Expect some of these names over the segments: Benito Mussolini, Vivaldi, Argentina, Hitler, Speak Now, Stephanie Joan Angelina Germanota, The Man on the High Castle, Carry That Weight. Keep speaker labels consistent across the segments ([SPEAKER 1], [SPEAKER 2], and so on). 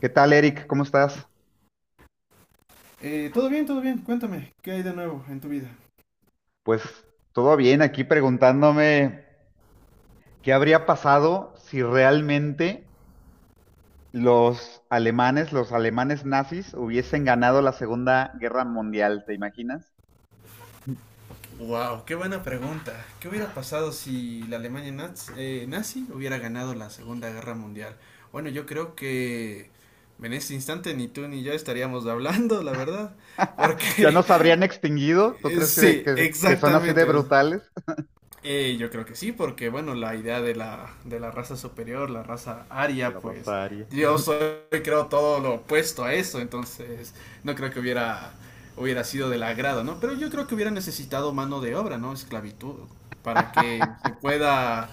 [SPEAKER 1] ¿Qué tal, Eric? ¿Cómo estás?
[SPEAKER 2] Todo bien, todo bien. Cuéntame, ¿qué hay de nuevo en tu vida?
[SPEAKER 1] Pues todo bien, aquí preguntándome qué habría pasado si realmente los alemanes nazis, hubiesen ganado la Segunda Guerra Mundial, ¿te imaginas?
[SPEAKER 2] Wow, qué buena pregunta. ¿Qué hubiera pasado si la Alemania nazi hubiera ganado la Segunda Guerra Mundial? Bueno, yo creo que en este instante ni tú ni yo estaríamos hablando, la verdad.
[SPEAKER 1] ¿Ya
[SPEAKER 2] Porque
[SPEAKER 1] nos habrían extinguido? ¿Tú crees que,
[SPEAKER 2] sí,
[SPEAKER 1] que- que son así de
[SPEAKER 2] exactamente.
[SPEAKER 1] brutales?
[SPEAKER 2] Yo creo que sí, porque bueno, la idea de la raza superior, la raza aria,
[SPEAKER 1] La raza
[SPEAKER 2] pues
[SPEAKER 1] aria.
[SPEAKER 2] yo soy, creo, todo lo opuesto a eso, entonces no creo que hubiera sido del agrado, ¿no? Pero yo creo que hubiera necesitado mano de obra, ¿no? Esclavitud, para que se pueda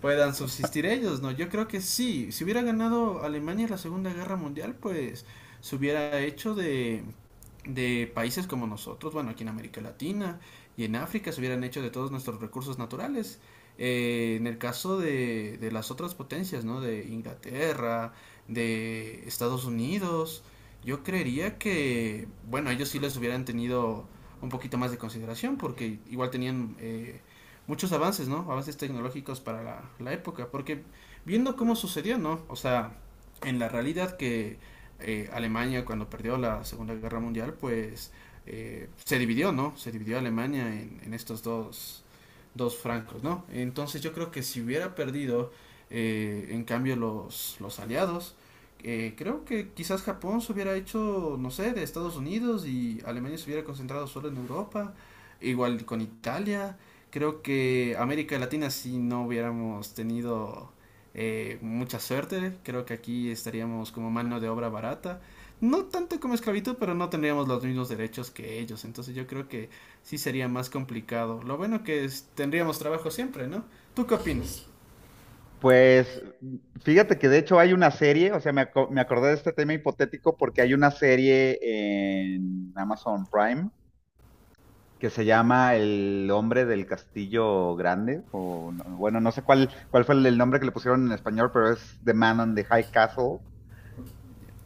[SPEAKER 2] puedan subsistir ellos, ¿no? Yo creo que sí, si hubiera ganado Alemania la Segunda Guerra Mundial, pues se hubiera hecho de países como nosotros, bueno, aquí en América Latina y en África se hubieran hecho de todos nuestros recursos naturales. En el caso de las otras potencias, ¿no? De Inglaterra, de Estados Unidos, yo creería que, bueno, ellos sí les hubieran tenido un poquito más de consideración porque igual tenían muchos avances, ¿no? Avances tecnológicos para la época, porque viendo cómo sucedió, ¿no? O sea, en la realidad que Alemania cuando perdió la Segunda Guerra Mundial, pues se dividió, ¿no? Se dividió Alemania en estos dos francos, ¿no? Entonces yo creo que si hubiera perdido, en cambio, los aliados, creo que quizás Japón se hubiera hecho, no sé, de Estados Unidos y Alemania se hubiera concentrado solo en Europa, igual con Italia. Creo que América Latina si no hubiéramos tenido mucha suerte, creo que aquí estaríamos como mano de obra barata. No tanto como esclavitud, pero no tendríamos los mismos derechos que ellos. Entonces yo creo que sí sería más complicado. Lo bueno que tendríamos trabajo siempre, ¿no? ¿Tú qué opinas?
[SPEAKER 1] Pues fíjate que de hecho hay una serie, o sea, me acordé de este tema hipotético porque hay una serie en Amazon Prime que se llama El hombre del castillo grande, o no- bueno, no sé cuál fue el nombre que le pusieron en español, pero es The Man on the High Castle.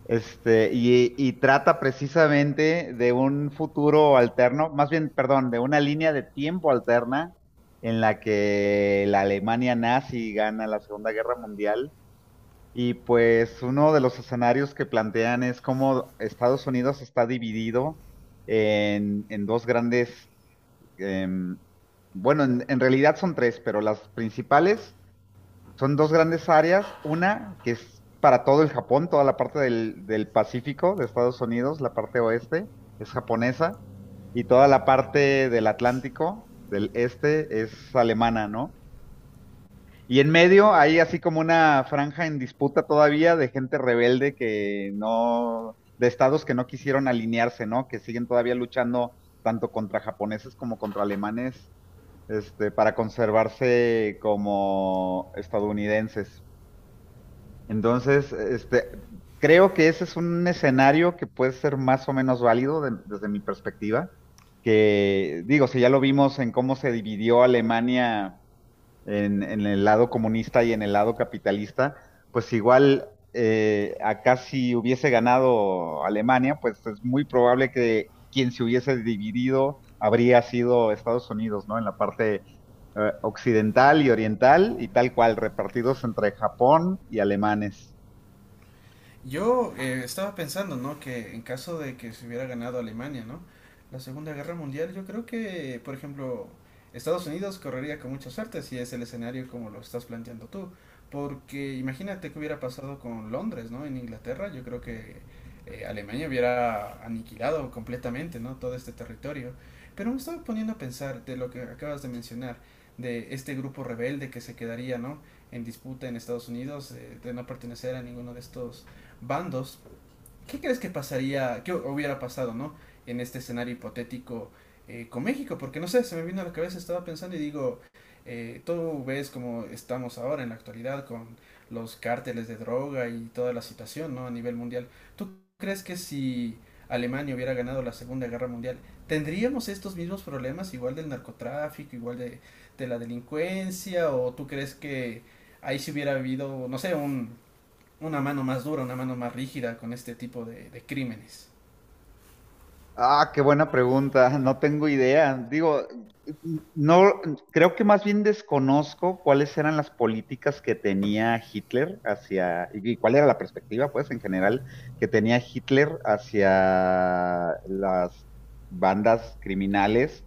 [SPEAKER 1] Este, y trata precisamente de un futuro alterno, más bien, perdón, de una línea de tiempo alterna en la que la Alemania nazi gana la Segunda Guerra Mundial. Y pues uno de los escenarios que plantean es cómo Estados Unidos está dividido en dos grandes em, bueno, en realidad son tres, pero las principales son dos grandes áreas. Una que es para todo el Japón, toda la parte del Pacífico de Estados Unidos, la parte oeste es japonesa, y toda la parte del Atlántico, del este, es alemana, ¿no? Y en medio hay así como una franja en disputa todavía de gente rebelde que no, de estados que no quisieron alinearse, ¿no? Que siguen todavía luchando tanto contra japoneses como contra alemanes este, para conservarse como estadounidenses. Entonces, este, creo que ese es un escenario que puede ser más o menos válido desde mi perspectiva, que digo, si ya lo vimos en cómo se dividió Alemania en el lado comunista y en el lado capitalista, pues igual acá si hubiese ganado Alemania, pues es muy probable que quien se hubiese dividido habría sido Estados Unidos, ¿no? En la parte occidental y oriental y tal cual, repartidos entre Japón y alemanes.
[SPEAKER 2] Yo estaba pensando, ¿no? Que en caso de que se hubiera ganado Alemania, ¿no? La Segunda Guerra Mundial, yo creo que, por ejemplo, Estados Unidos correría con mucha suerte si es el escenario como lo estás planteando tú. Porque imagínate qué hubiera pasado con Londres, ¿no? En Inglaterra, yo creo que Alemania hubiera aniquilado completamente, ¿no? Todo este territorio. Pero me estaba poniendo a pensar de lo que acabas de mencionar, de este grupo rebelde que se quedaría, ¿no? En disputa en Estados Unidos, de no pertenecer a ninguno de estos bandos, ¿qué crees que pasaría, qué hubiera pasado, no? En este escenario hipotético con México, porque no sé, se me vino a la cabeza, estaba pensando y digo, tú ves como estamos ahora en la actualidad con los cárteles de droga y toda la situación, ¿no? A nivel mundial. ¿Tú crees que si Alemania hubiera ganado la Segunda Guerra Mundial, tendríamos estos mismos problemas igual del narcotráfico, igual de la delincuencia? ¿O tú crees que ahí si hubiera habido, no sé, una mano más dura, una mano más rígida con este tipo de crímenes?
[SPEAKER 1] Ah, qué buena pregunta. No tengo idea. Digo, no, creo que más bien desconozco cuáles eran las políticas que tenía Hitler hacia, y cuál era la perspectiva, pues, en general, que tenía Hitler hacia las bandas criminales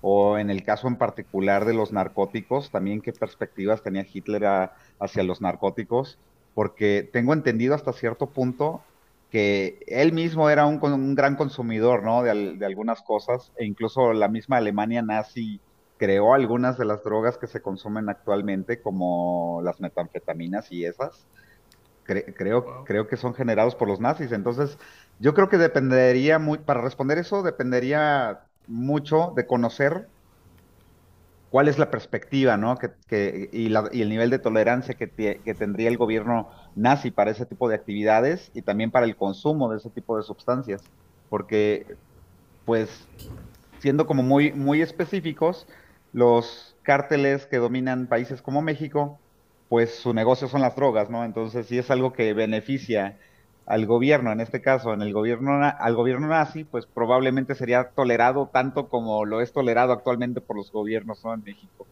[SPEAKER 1] o en el caso en particular de los narcóticos, también qué perspectivas tenía hacia los narcóticos, porque tengo entendido hasta cierto punto que él mismo era un gran consumidor, ¿no? De, de algunas cosas, e incluso la misma Alemania nazi creó algunas de las drogas que se consumen actualmente, como las metanfetaminas y esas.
[SPEAKER 2] Wow.
[SPEAKER 1] Creo que son generados por los nazis. Entonces, yo creo que dependería muy, para responder eso, dependería mucho de conocer cuál es la perspectiva, ¿no? Y, y el nivel de tolerancia que tendría el gobierno nazi para ese tipo de actividades y también para el consumo de ese tipo de sustancias. Porque, pues, siendo como muy, muy específicos, los cárteles que dominan países como México, pues su negocio son las drogas, ¿no? Entonces, si es algo que beneficia al gobierno, en este caso, en el gobierno, al gobierno nazi, pues probablemente sería tolerado tanto como lo es tolerado actualmente por los gobiernos, ¿no? En México.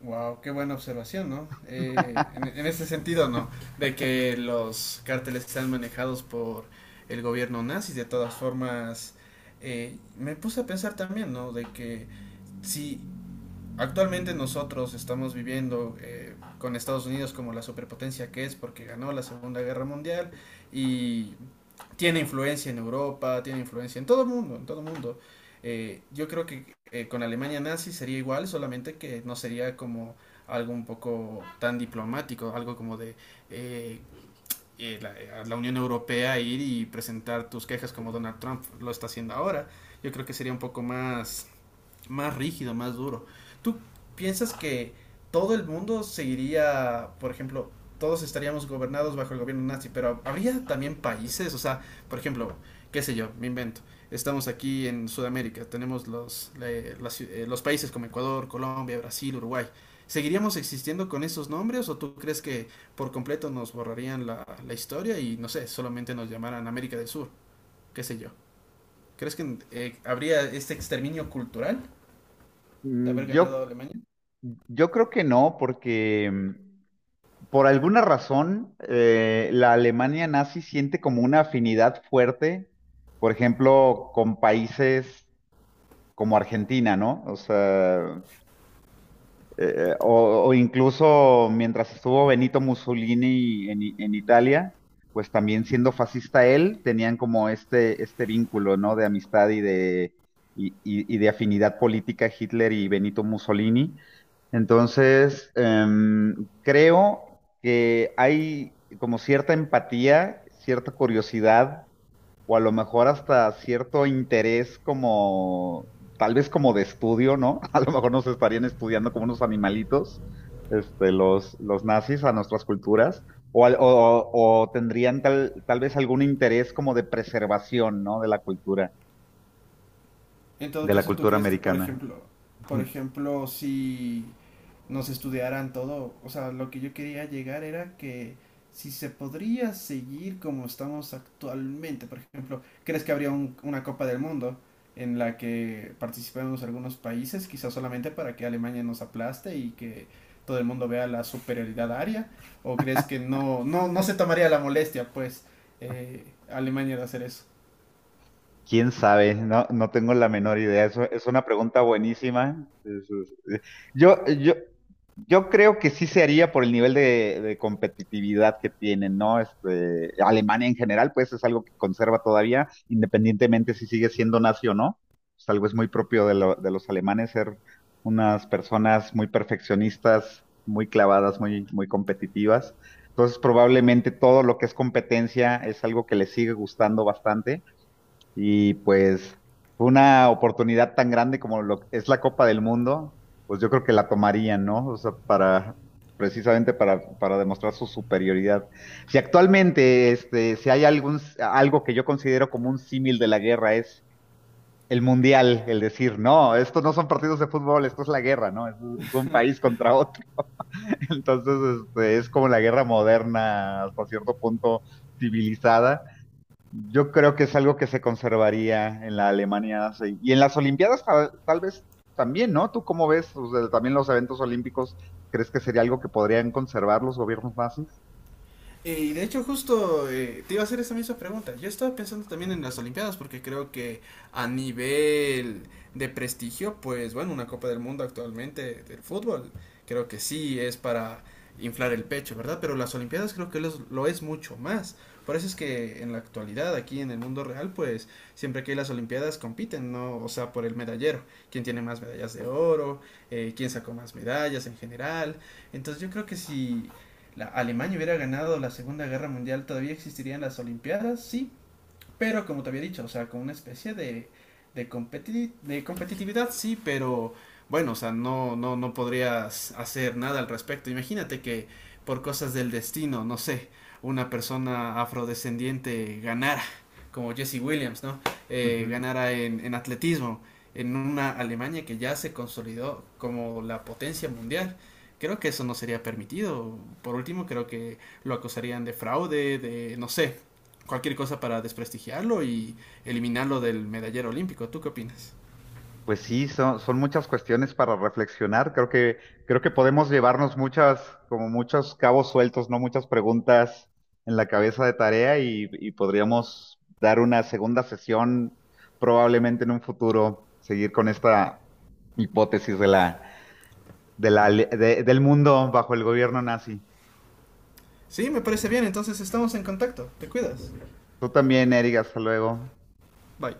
[SPEAKER 2] Wow, qué buena observación, ¿no? En ese sentido, ¿no? De que los cárteles están manejados por el gobierno nazi, de todas formas, me puse a pensar también, ¿no? De que si actualmente nosotros estamos viviendo con Estados Unidos como la superpotencia que es porque ganó la Segunda Guerra Mundial y tiene influencia en Europa, tiene influencia en todo el mundo, en todo el mundo. Yo creo que con Alemania nazi sería igual, solamente que no sería como algo un poco tan diplomático, algo como de eh, la Unión Europea ir y presentar tus quejas como Donald Trump lo está haciendo ahora. Yo creo que sería un poco más rígido, más duro. ¿Tú piensas que todo el mundo seguiría, por ejemplo, todos estaríamos gobernados bajo el gobierno nazi, pero habría también países, o sea, por ejemplo, qué sé yo, me invento. Estamos aquí en Sudamérica, tenemos los países como Ecuador, Colombia, Brasil, Uruguay. ¿Seguiríamos existiendo con esos nombres o tú crees que por completo nos borrarían la historia y no sé, solamente nos llamaran América del Sur? ¿Qué sé yo? ¿Crees que habría este exterminio cultural de
[SPEAKER 1] Mm,
[SPEAKER 2] haber ganado Alemania?
[SPEAKER 1] Yo creo que no, porque mm, por alguna razón la Alemania nazi siente como una afinidad fuerte, por ejemplo, con países como Argentina, ¿no? O sea, o incluso mientras estuvo Benito Mussolini en, en Italia, pues también siendo fascista él, tenían como este vínculo, ¿no? De amistad y de afinidad política Hitler y Benito Mussolini. Entonces, em, creo que hay como cierta empatía, cierta curiosidad o a lo mejor hasta cierto interés como, tal vez como de estudio, ¿no? A lo mejor nos estarían estudiando como unos animalitos, este, los nazis a nuestras culturas, o, o tendrían tal vez algún interés como de preservación, ¿no?
[SPEAKER 2] En todo
[SPEAKER 1] De la
[SPEAKER 2] caso, ¿tú
[SPEAKER 1] cultura
[SPEAKER 2] crees que, por
[SPEAKER 1] americana.
[SPEAKER 2] ejemplo, por ejemplo, si nos estudiaran todo, o sea, lo que yo quería llegar era que si se podría seguir como estamos actualmente, por ejemplo, crees que habría una Copa del Mundo en la que participemos algunos países, quizás solamente para que Alemania nos aplaste y que todo el mundo vea la superioridad aria? ¿O crees que no, no, no se tomaría la molestia, pues, Alemania de hacer eso?
[SPEAKER 1] ¿Quién sabe? No, no tengo la menor idea. Eso es una pregunta buenísima. Es- Yo, yo, yo creo que sí se haría por el nivel de competitividad que tienen, ¿no? Este, Alemania en general, pues es algo que conserva todavía, independientemente si sigue siendo nazi o no. Es algo es muy propio de, de los alemanes ser unas personas muy perfeccionistas, muy clavadas, muy, muy competitivas. Entonces, probablemente todo lo que es competencia es algo que les sigue gustando bastante y pues fue una oportunidad tan grande como lo es la Copa del Mundo, pues yo creo que la tomarían, ¿no? O sea, para precisamente para demostrar su superioridad. Si actualmente este, si hay algún algo que yo considero como un símil de la guerra es el mundial, el decir, no, esto no son partidos de fútbol, esto es la guerra, ¿no? Es un país contra otro. Entonces, este, es como la guerra moderna hasta cierto punto civilizada yo creo que es algo que se conservaría en la Alemania nazi. Y en las Olimpiadas tal vez también, ¿no? ¿Tú cómo ves? O sea, también los eventos olímpicos, ¿crees que sería algo que podrían conservar los gobiernos nazis?
[SPEAKER 2] Y de hecho justo te iba a hacer esa misma pregunta. Yo estaba pensando también en las Olimpiadas porque creo que a nivel de prestigio, pues bueno, una Copa del Mundo actualmente del fútbol, creo que sí es para inflar el pecho, ¿verdad? Pero las Olimpiadas creo que lo es mucho más. Por eso es que en la actualidad, aquí en el mundo real, pues siempre que hay las Olimpiadas compiten, ¿no? O sea, por el medallero, quién tiene más medallas de oro, quién sacó más medallas en general. Entonces yo creo que si la Alemania hubiera ganado la Segunda Guerra Mundial, ¿todavía existirían las Olimpiadas? Sí, pero como te había dicho, o sea, con una especie de competitividad, sí, pero bueno, o sea, no, no, no podrías hacer nada al respecto. Imagínate que por cosas del destino, no sé, una persona afrodescendiente ganara, como Jesse Williams, ¿no? Eh,
[SPEAKER 1] Ujú.
[SPEAKER 2] ganara en atletismo, en una Alemania que ya se consolidó como la potencia mundial, creo que eso no sería permitido. Por último, creo que lo acusarían de fraude, de, no sé, cualquier cosa para desprestigiarlo y eliminarlo del medallero olímpico. ¿Tú qué opinas?
[SPEAKER 1] Pues sí, son, son muchas cuestiones para reflexionar. Creo que podemos llevarnos muchas, como muchos cabos sueltos, ¿no? Muchas preguntas en la cabeza de tarea y podríamos dar una segunda sesión probablemente en un futuro, seguir con esta hipótesis de la del mundo bajo el gobierno nazi.
[SPEAKER 2] Sí, me parece bien, entonces estamos en contacto. Te cuidas.
[SPEAKER 1] Tú también, Eric, hasta luego.
[SPEAKER 2] Bye.